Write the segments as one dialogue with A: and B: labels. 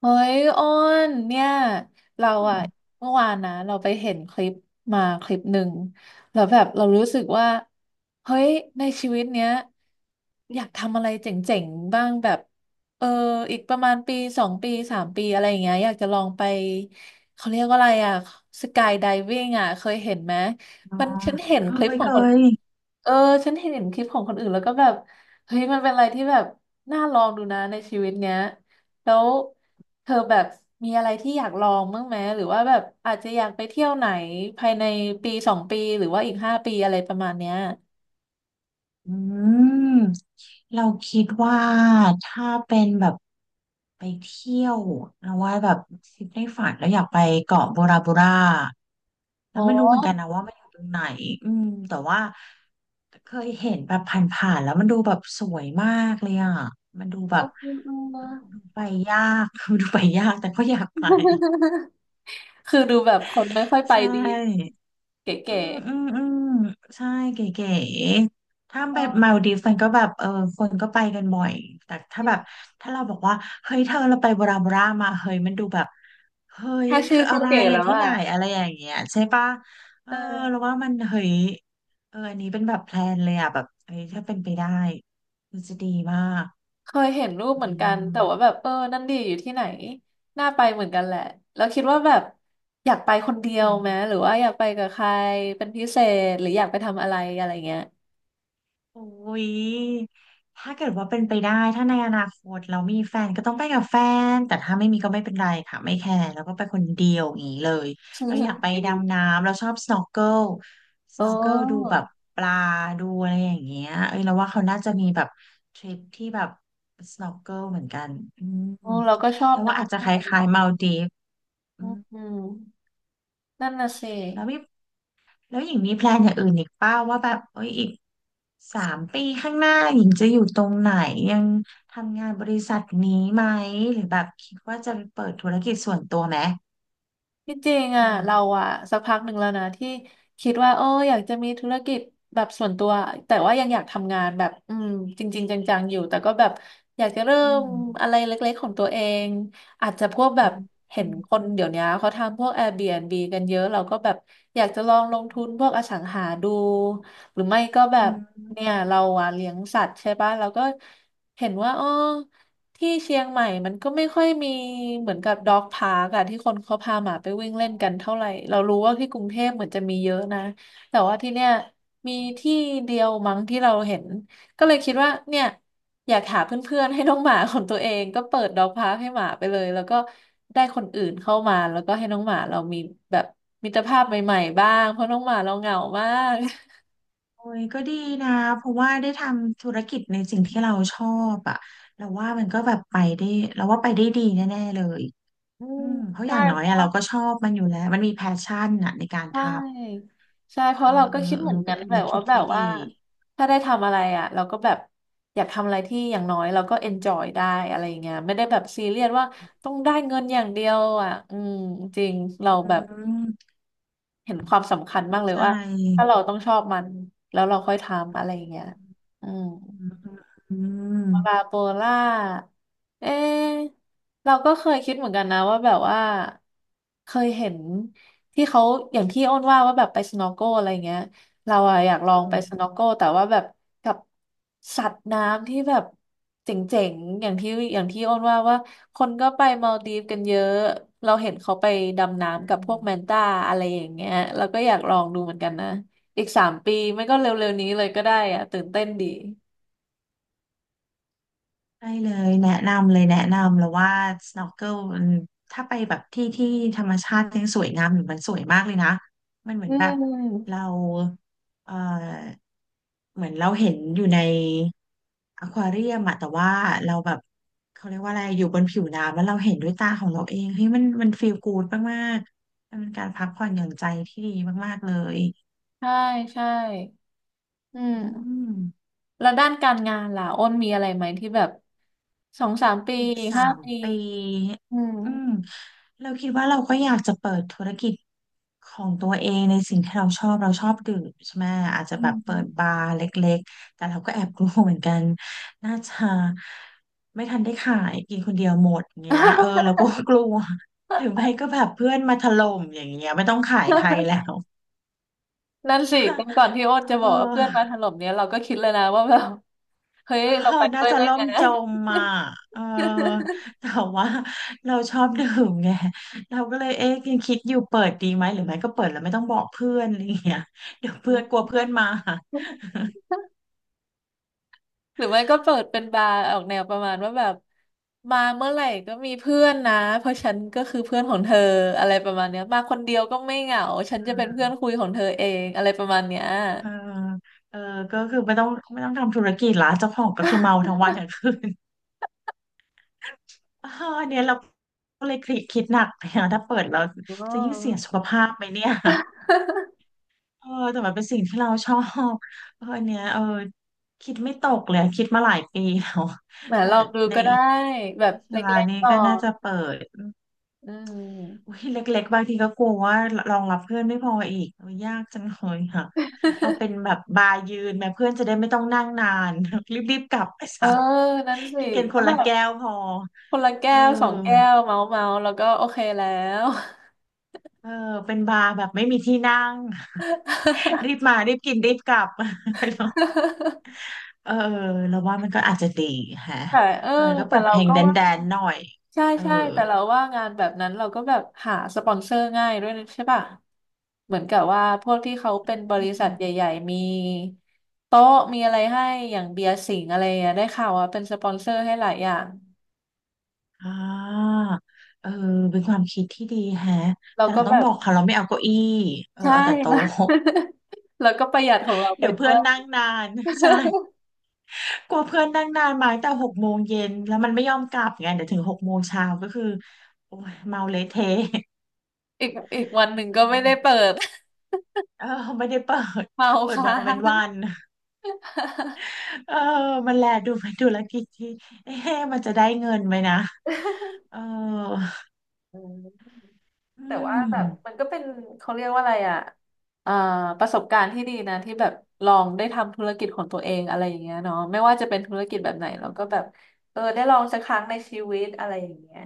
A: เฮ้ยอ้นเนี่ยเราอะเมื่อวานนะเราไปเห็นคลิปมาคลิปหนึ่งแล้วแบบเรารู้สึกว่าเฮ้ยในชีวิตเนี้ยอยากทำอะไรเจ๋งๆบ้างแบบเอออีกประมาณปีสองปีสามปีอะไรอย่างเงี้ยอยากจะลองไปเขาเรียกว่าอะไรอะสกายไดวิ่งอะเคยเห็นไหม
B: อ๋อ
A: มันฉันเห็น
B: เค
A: คลิป
B: ย
A: ขอ
B: เค
A: งคน
B: ย
A: เออฉันเห็นคลิปของคนอื่นแล้วก็แบบเฮ้ยมันเป็นอะไรที่แบบน่าลองดูนะในชีวิตเนี้ย แล้วเธอแบบมีอะไรที่อยากลองบ้างไหมหรือว่าแบบอาจจะอยากไปเที่ยวไหนภายในปีสองปีหรือว่าอีกห้าปีอะไรประมาณเนี้ย
B: อืมเราคิดว่าถ้าเป็นแบบไปเที่ยวเราว่าแบบคิดในฝันแล้วอยากไปเกาะโบราโบรา
A: โอ
B: แล้วไม่รู้เหมือน
A: ้
B: กันนะว่ามันอยู่ตรงไหนอืมแต่ว่าเคยเห็นแบบผ่านๆแล้วมันดูแบบสวยมากเลยอ่ะมันดูแบบดูไปยาก ดูไปยากแต่ก็อยากไป
A: คือดูแบบคนไม่ค่อยไป
B: ใช
A: ดี
B: ่
A: เก๋
B: อืมอืมอืมใช่เก๋ๆถ้า
A: เออ
B: ไปมาลดีฟส์มันก็แบบเออคนก็ไปกันบ่อยแต่
A: จ
B: ถ้า
A: ริ
B: แบ
A: ง
B: บ
A: ๆ
B: ถ้าเราบอกว่าเฮ้ยเธอเราไปบราบรามาเฮ้ยมันดูแบบเฮ้ย
A: แค่
B: มัน
A: ชื่อ
B: คือ
A: ก็
B: อะไร
A: เก๋แล้
B: อ่ะ
A: ว
B: ที่
A: อ่ะ
B: ไหนอะไรอย่างเงี้ยใช่ปะเอ
A: เอ
B: อเรา
A: อ
B: ว่ามันเฮ้ยเอออันนี้เป็นแบบแพลนเลยอ่ะแบบเฮ้ยถ้าเป็นไปได้มันจะดีมาก
A: เคยเห็นรูป
B: อ
A: เหมือนกันแต่
B: ื
A: ว่าแบบเออนั่นดีอยู่ที่ไหนน่าไปเหมือนกันแหละแล้วคิดว่าแบบอยากไปคนเดียวไหม
B: ม
A: หรือว่าอยากไปกับใครเป็นพิเศษหรืออยากไปทำอะไรอะไรเงี้ย
B: โอ้ยถ้าเกิดว่าเป็นไปได้ถ้าในอนาคตเรามีแฟนก็ต้องไปกับแฟน แต่ถ้าไม่มีก็ไม่เป็นไรค่ะ ไม่แคร์แล้วก็ไปคนเดียวอย่างนี้เลย เราอยากไปดำน้ำ เราชอบ snorkel
A: เ
B: snorkel ดู
A: อ
B: แบ
A: อ
B: บปลาดูอะไรอย่างเงี้ยเอ้ยเราว่าเขาน่าจะมีแบบทริปที่แบบ snorkel เหมือนกันอืม
A: เออเราก็ชอบ
B: แล้ว
A: นะ
B: ว่าอาจ
A: ที่
B: จะ
A: ท
B: ค
A: ำ
B: ล้า
A: งา
B: ย
A: น
B: ๆมาลดีฟอืม
A: อืมนั่นน่ะสิ
B: แล้วมี แล้วหญิงมีแพลนอย่างอื่นอีกเปล่าว่าแบบเอ้ยอีกสามปีข้างหน้าหญิงจะอยู่ตรงไหนยังทำงานบริษัทนี้ไหมหรือแบบคิดว่าจะเปิดธุรกิจส่วนตัวไหม
A: ที่จริง
B: อื
A: อ่ะ
B: ม
A: เราอ่ะสักพักหนึ่งแล้วนะที่คิดว่าเอออยากจะมีธุรกิจแบบส่วนตัวแต่ว่ายังอยากทำงานแบบอืมจริงๆจังๆอยู่แต่ก็แบบอยากจะเริ่
B: อื
A: ม
B: ม
A: อะไรเล็กๆของตัวเองอาจจะพวกแบ
B: อื
A: บ
B: ม
A: เห็
B: อื
A: น
B: ม
A: คนเดี๋ยวนี้เขาทำพวก Airbnb กันเยอะเราก็แบบอยากจะลองลงทุนพวกอสังหาดูหรือไม่ก็แบ
B: อื
A: บเนี่ย
B: ม
A: เราอ่ะเลี้ยงสัตว์ใช่ปะเราก็เห็นว่าเออ ที่เชียงใหม่มันก็ไม่ค่อยมีเหมือนกับด็อกพาร์กอะที่คนเขาพาหมาไปวิ่งเล่นกันเท่าไหร่เรารู้ว่าที่กรุงเทพเหมือนจะมีเยอะนะแต่ว่าที่เนี่ยมีที่เดียวมั้งที่เราเห็นก็เลยคิดว่าเนี่ยอยากหาเพื่อนๆให้น้องหมาของตัวเองก็เปิดด็อกพาร์กให้หมาไปเลยแล้วก็ได้คนอื่นเข้ามาแล้วก็ให้น้องหมาเรามีแบบมิตรภาพใหม่ๆบ้างเพราะน้องหมาเราเหงามาก
B: โอ้ยก็ดีนะเพราะว่าได้ทำธุรกิจในสิ่งที่เราชอบอ่ะเราว่ามันก็แบบไปได้เราว่าไปได้ดีแน่ๆเลย
A: อื
B: อื
A: ม
B: มเพราะอ
A: ใช่
B: ย่างน้อยอะเราก็ชอบมันอยู่แล้วมันมีแพชชั่นอะในการ
A: ใช
B: ท
A: ่ใช่เพ
B: ำเอ
A: ราะ
B: อ
A: เรา
B: เอ
A: ก็
B: อ
A: คิด
B: เอ
A: เห
B: อ
A: มือน
B: เป็
A: กั
B: น
A: น
B: ธุ
A: แบ
B: ร
A: บ
B: กิ
A: ว่า
B: จ
A: แบ
B: ที่
A: บ
B: ดี
A: ว่าถ้าได้ทำอะไรอ่ะเราก็แบบอยากทำอะไรที่อย่างน้อยเราก็เอนจอยได้อะไรอย่างเงี้ยไม่ได้แบบซีเรียสว่าต้องได้เงินอย่างเดียวอ่ะอืมจริงเราแบ
B: อื
A: บ
B: ม
A: เห็นความสำคัญมา
B: เข้า
A: กเลย
B: ใ
A: ว่าถ้า
B: จ
A: เราต้องชอบมันแล้วเราค่อยทำอะไรอย่างเงี้ยอืม
B: อืมอืม
A: ปาโปล่าเอ๊ะเราก็เคยคิดเหมือนกันนะว่าแบบว่าเคยเห็นที่เขาอย่างที่อ้นว่าว่าแบบไปสโนว์โกอะไรเงี้ยเราอะอยากล
B: เอ
A: องไป
B: อ
A: สโนว์โกแต่ว่าแบบกับสัตว์น้ำที่แบบเจ๋งๆอย่างที่อย่างที่อ้นว่าว่าคนก็ไปมาลดีฟกันเยอะเราเห็นเขาไปดำน้ำกับ
B: ใช่
A: พวกแมนต้าอะไรอย่างเงี้ยเราก็อยากลองดูเหมือนกันนะอีกสามปีไม่ก็เร็วๆนี้เลยก็ได้อะตื่นเต้นดี
B: ใช่เลยแนะนำเลยแนะนำแล้วว่า snorkel มันถ้าไปแบบที่ที่ธรรมชาติยังสวยงามอยู่มันสวยมากเลยนะ มันเหมื
A: อื
B: อนแบบเรา
A: ม
B: เออเหมือนเราเห็นอยู่ในอควาเรียมอะแต่ว่าเราแบบเขาเรียกว่าอะไรอยู่บนผิวน้ำแล้วเราเห็นด้วยตาของเราเองเฮ้ยมันมันฟีลกู๊ดมากๆมันเป็นการพักผ่อนหย่อนใจที่ดีมากๆเลย
A: ใช่ใช่อืม
B: อืม
A: แล้วด้านการงานล่ะอ้นมีอะไรไหมที่แบบสองสามปี
B: อีก
A: ห้า
B: สาม
A: ปี
B: ปี
A: อืม
B: อืม เราคิดว่าเราก็อยากจะเปิดธุรกิจของตัวเองในสิ่งที่เราชอบเราชอบดื่มใช่ไหมอาจจะ
A: อื
B: แบบเปิด
A: ม
B: บาร์เล็กๆแต่เราก็แอบกลัวเหมือนกันน่าจะไม่ทันได้ขายกินคนเดียวหมดเงี้ยเออเราก็กลัว หรือไม่ก็แบบเพื่อนมาถล่มอย่างเงี้ยไม่ต้องขายใคร แล้ว
A: นั่นสิกันก่อน ที่โอ้น
B: เอ
A: จะบอกว่าเพื่อนมาถ
B: อ
A: ล่มเนี้ยเราก็คิดเลยนะว่าแบบ เฮ้ ย
B: เออ
A: เราไป
B: น่า
A: ด้วย
B: จะ
A: ได้
B: ล่
A: ไง
B: มจมอ่ะเออ แต่ว่าเราชอบดื่มไง เราก็เลยเอ๊ะยังคิดอยู่เปิดดีไหมหรือไม่ก็เปิดแล้วไม่ต้องบอกเพื่อนอะไรอย่างเงี้ย เดี๋ยวเพื่อนกลัวเพื่อนมา
A: หรือไม่ก็เปิดเป็นบาร์ออกแนวประมาณว่าแบบมาเมื่อไหร่ก็มีเพื่อนนะเพราะฉันก็คือเพื่อนของเธออะไรประมาณเนี้ยมาคนเดียวก็ไม่เหงาฉันจะเป็นเพื่อนคุยของเธอเองอะไรประมาณเนี้ย
B: เออเออก็คือไม่ต้องทำธุรกิจละเจ้าของก็คือเมาทั้งวันทั้งคืน เออเนี่ยเราก็เลยคิดหนักเนี่ยถ้าเปิดเรา
A: อ๋
B: จะยิ่งเสีย
A: อ
B: สุขภาพไหมเนี่ย เออแต่มันเป็นสิ่งที่เราชอบเอออันเนี้ยเออคิดไม่ตกเลยคิดมาหลายปีแล้ว
A: แหม
B: แต่
A: ลองดู
B: ใน
A: ก็ได้
B: อีก
A: แบบ
B: วิ
A: เล
B: ชา
A: ็ก
B: นี้
A: ๆก่อ
B: ก็น่า
A: น
B: จะเปิด
A: อืม
B: อุ้ยเล็กๆบางทีก็กลัวว่ารองรับเพื่อนไม่พออีกโอ้ยยากจังเลยค่ะเอาเป็นแบบบาร์ยืนแม่เพื่อนจะได้ไม่ต้องนั่งนาน รีบๆกลับไป
A: เออ
B: ซะ
A: นั่นสิ
B: กินกันค
A: ก็
B: น
A: แบ
B: ละ
A: บ
B: แก้วพอ
A: คนละแก้
B: เออ
A: วสองแก้วเมาเมาแล้วก็โอเคแล้ว
B: เออเป็นบาร์แบบไม่มีที่นั่ง รีบมารีบกินรีบกลับ ไป เออเราว่ามันก็อาจจะดีฮะ
A: แต่เออ
B: เออก็
A: แต่
B: เปิด
A: เรา
B: เพลง
A: ก็
B: แดน
A: ว่า
B: แดนหน่อย
A: ใช่
B: เออ
A: ใช่แต่เราว่างานแบบนั้นเราก็แบบหาสปอนเซอร์ง่ายด้วยนะใช่ป่ะเหมือนกับว่าพวกที่เขาเป็นบ
B: อื
A: ริษัท
B: ม
A: ใหญ่ๆมีโต๊ะมีอะไรให้อย่างเบียร์สิงห์อะไรอ่ะได้ข่าวว่าเป็นสปอนเซอร์ให้หลายอย่าง
B: อ่าเออเป็นความคิดที่ดีแฮะ
A: เรา
B: แต่
A: ก็
B: เราต้
A: แบ
B: องบ
A: บ
B: อกเขาเราไม่เอาเก้าอี้เออ
A: ใช่
B: เอาแต่
A: มา
B: โต๊ะ
A: แล้วก็ประหยัดของเรา ไป
B: เดี๋ยว
A: ด้
B: เพื่อ
A: ว
B: น
A: ย
B: นั่งนาน ใช่ กลัวเพื่อนนั่งนานมาตั้งแต่หกโมงเย็นแล้วมันไม่ยอมกลับไงเดี๋ยวถึงหกโมงเช้าก็คือโอ้ยเมาเละเทะ
A: อีกอีกวัน หนึ่ง
B: เ
A: ก็ไม่ได้
B: ออ
A: เปิด
B: เออไม่ได้เปิด
A: เมา
B: เปิด
A: ค้า
B: วันเว้นวั
A: ง
B: น เออมันแลดูเป็นธุรกิจที่เอ๊ะมันจะได้เงินไหมนะเออ
A: อืม
B: อื
A: แต่ว่า
B: ม
A: แบบมันก็เป็นเขาเรียกว่าอะไรอ่ะอ่าประสบการณ์ที่ดีนะที่แบบลองได้ทำธุรกิจของตัวเองอะไรอย่างเงี้ยเนาะไม่ว่าจะเป็นธุรกิจแบบไหนเราก็แบบเออได้ลองสักครั้งในชีวิตอะไรอย่างเงี้ย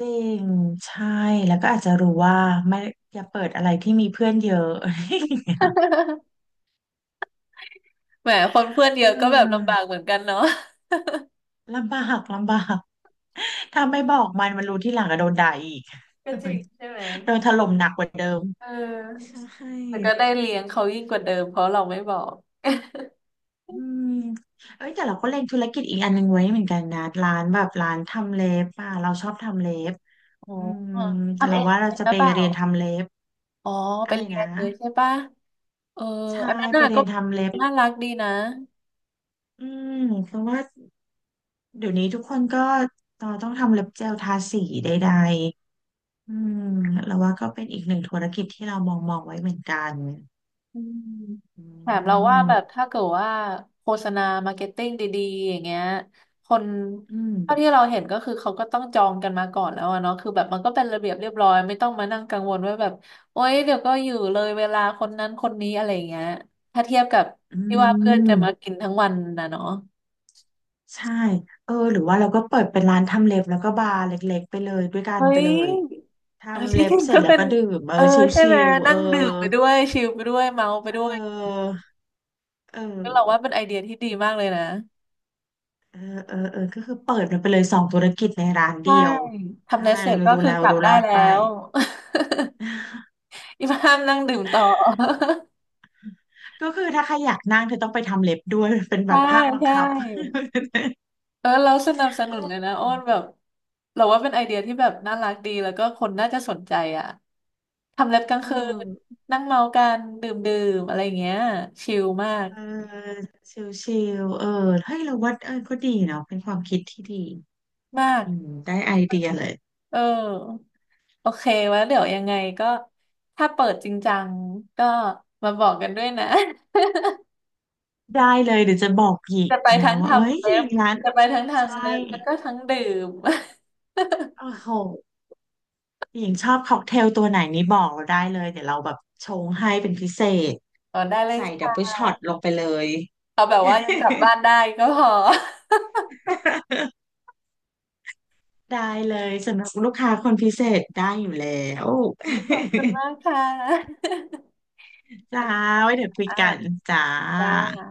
B: จริงใช่แล้วก็อาจจะรู้ว่าไม่อย่าเปิดอะไรที่มีเพื่อนเยอะ
A: แหมคนเพื่อนเยอะก็แบบลำบา
B: เออ
A: กเหมือนกันเนาะ
B: ลำบากลำบากถ้าไม่บอกมันมันรู้ที่หลังก็โดนด่าอีก
A: ก็จริงใช่ไหม
B: โดนถล่มหนักกว่าเดิม
A: เอ
B: ใช
A: อ
B: ่
A: แต่ก็ได้เลี้ยงเขายิ่งกว่าเดิมเพราะเราไม่บอก
B: อืมเอ้ยแต่เราก็เล็งธุรกิจอีกอันหนึงไว้เหมือนกันนะร้านแบบร้านทำเล็บอ่ะเราชอบทำเล็บ
A: อ๋อ
B: อืม
A: ทำ
B: เรา
A: เอง
B: ว่าเรา
A: เป็น
B: จะ
A: หรื
B: ไป
A: อเปล่า
B: เรียนทำเล็บ
A: อ๋อเป็
B: อะ
A: น
B: ไร
A: เรีย
B: นะ
A: นเลยใช่ปะเออ
B: ใช่
A: อันนั้น
B: ไป
A: น่ะ
B: เรี
A: ก็
B: ยนทำเล็บ
A: น่ารักดีนะ
B: อืมเพราะว่าเดี๋ยวนี้ทุกคนก็ตอต้องทำเล็บเจลทาสีใดๆอืมเราว่าก็เป็นอีกหนึ่งธุรกิจที่เรามองไว้เหมือนกัน
A: อืม
B: อื
A: แถมเราว่า
B: ม
A: แบบถ้าเกิดว่าโฆษณามาร์เก็ตติ้งดีๆอย่างเงี้ยคน
B: อืม
A: เท่าที่เราเห็นก็คือเขาก็ต้องจองกันมาก่อนแล้วอะเนาะคือแบบมันก็เป็นระเบียบเรียบร้อยไม่ต้องมานั่งกังวลว่าแบบโอ๊ยเดี๋ยวก็อยู่เลยเวลาคนนั้นคนนี้อะไรอย่างเงี้ยถ้าเทียบกับ
B: อื
A: ที่ว่าเพื่อนจะมากิ
B: ม
A: นทั้งวันนะเนาะ
B: ใช่เออหรือว่าเราก็เปิดเป็นร้านทำเล็บแล้วก็บาร์เล็กๆไปเลยด้วยกัน
A: เฮ้
B: ไป
A: ย
B: เลย
A: เออ
B: ทำ
A: ที่
B: เล็
A: จ
B: บ
A: ริง
B: เสร็จ
A: ก็
B: แล้ว
A: เป็น
B: ก็ดื่มเออ
A: เออใช่
B: ชิ
A: ไหม
B: ลๆเอ
A: นั่
B: อ
A: งดื่มไปด้วยชิลไปด้วยเมาไป
B: เ
A: ด้วย
B: ออเอ
A: ก็เราว่า
B: อ
A: เป็นไอเดียที่ดีมากเลยนะ
B: เออเออเออก็คือเปิดมันไปเลยสองธุรกิจในร้าน
A: ใช่
B: เดียว
A: ทำ
B: ถ้า
A: เลส
B: มั
A: เส
B: น
A: ร็จก็
B: รู้
A: คือ
B: แล้ว
A: กลับ
B: รู้ร
A: ได้
B: อด
A: แล้
B: ไป
A: ว อีพามนั่งดื่มต่อ
B: ก็คือถ้าใครอยากนั่งเธอต้องไปทำเล็บด้วยเป็น แบ
A: ใช่
B: บภาคบัง
A: ใช่
B: คับ
A: เออเราสนับสนุนเลยนะอ้อนแบบเราว่าเป็นไอเดียที่แบบน่ารักดีแล้วก็คนน่าจะสนใจอ่ะทำเล็บกลา
B: เอ
A: ง
B: อ
A: คืนนั่งเมากันดื่มดื่มอะไรอย่างเงี้ยชิลมาก
B: เออเออชิลๆเออเฮ้ยเราว่าเออก็ดีเนาะเป็นความคิดที่ดี
A: มาก
B: อืมได้ไอเดียเลย
A: เออโอเคไว่าเดี๋ยวยังไงก็ถ้าเปิดจริงจังก็มาบอกกันด้วยนะ
B: ได้เลยเดี๋ยวจะบอกหญิง
A: จะไป
B: นะ
A: ทั้ง
B: ว่าเอ้ย
A: ทำ
B: ห
A: เล็
B: ญิ
A: บ
B: งร้าน
A: จะไปทั้ง
B: ใช่
A: ทำเล็บแล้วก็ทั้งดื่ม
B: โอ้โหหญิงชอบค็อกเทลตัวไหนนี่บอกเราได้เลยเดี๋ยวเราแบบชงให้เป็นพิเศษ
A: อ๋อได้เลย
B: ใส่ดับเบิล
A: ค่ะ
B: ช็อตลงไปเลย
A: เอาแบบว่ายังกลับบ้านได้ก็พอ
B: ได้เลยสำหรับลูกค้าคนพิเศษได้อยู่แล้ว
A: นี่ขอบคุณมากค่ะ
B: จ้าไว้เดี๋ยว คุย
A: อ่า
B: กันจ้า
A: จ้า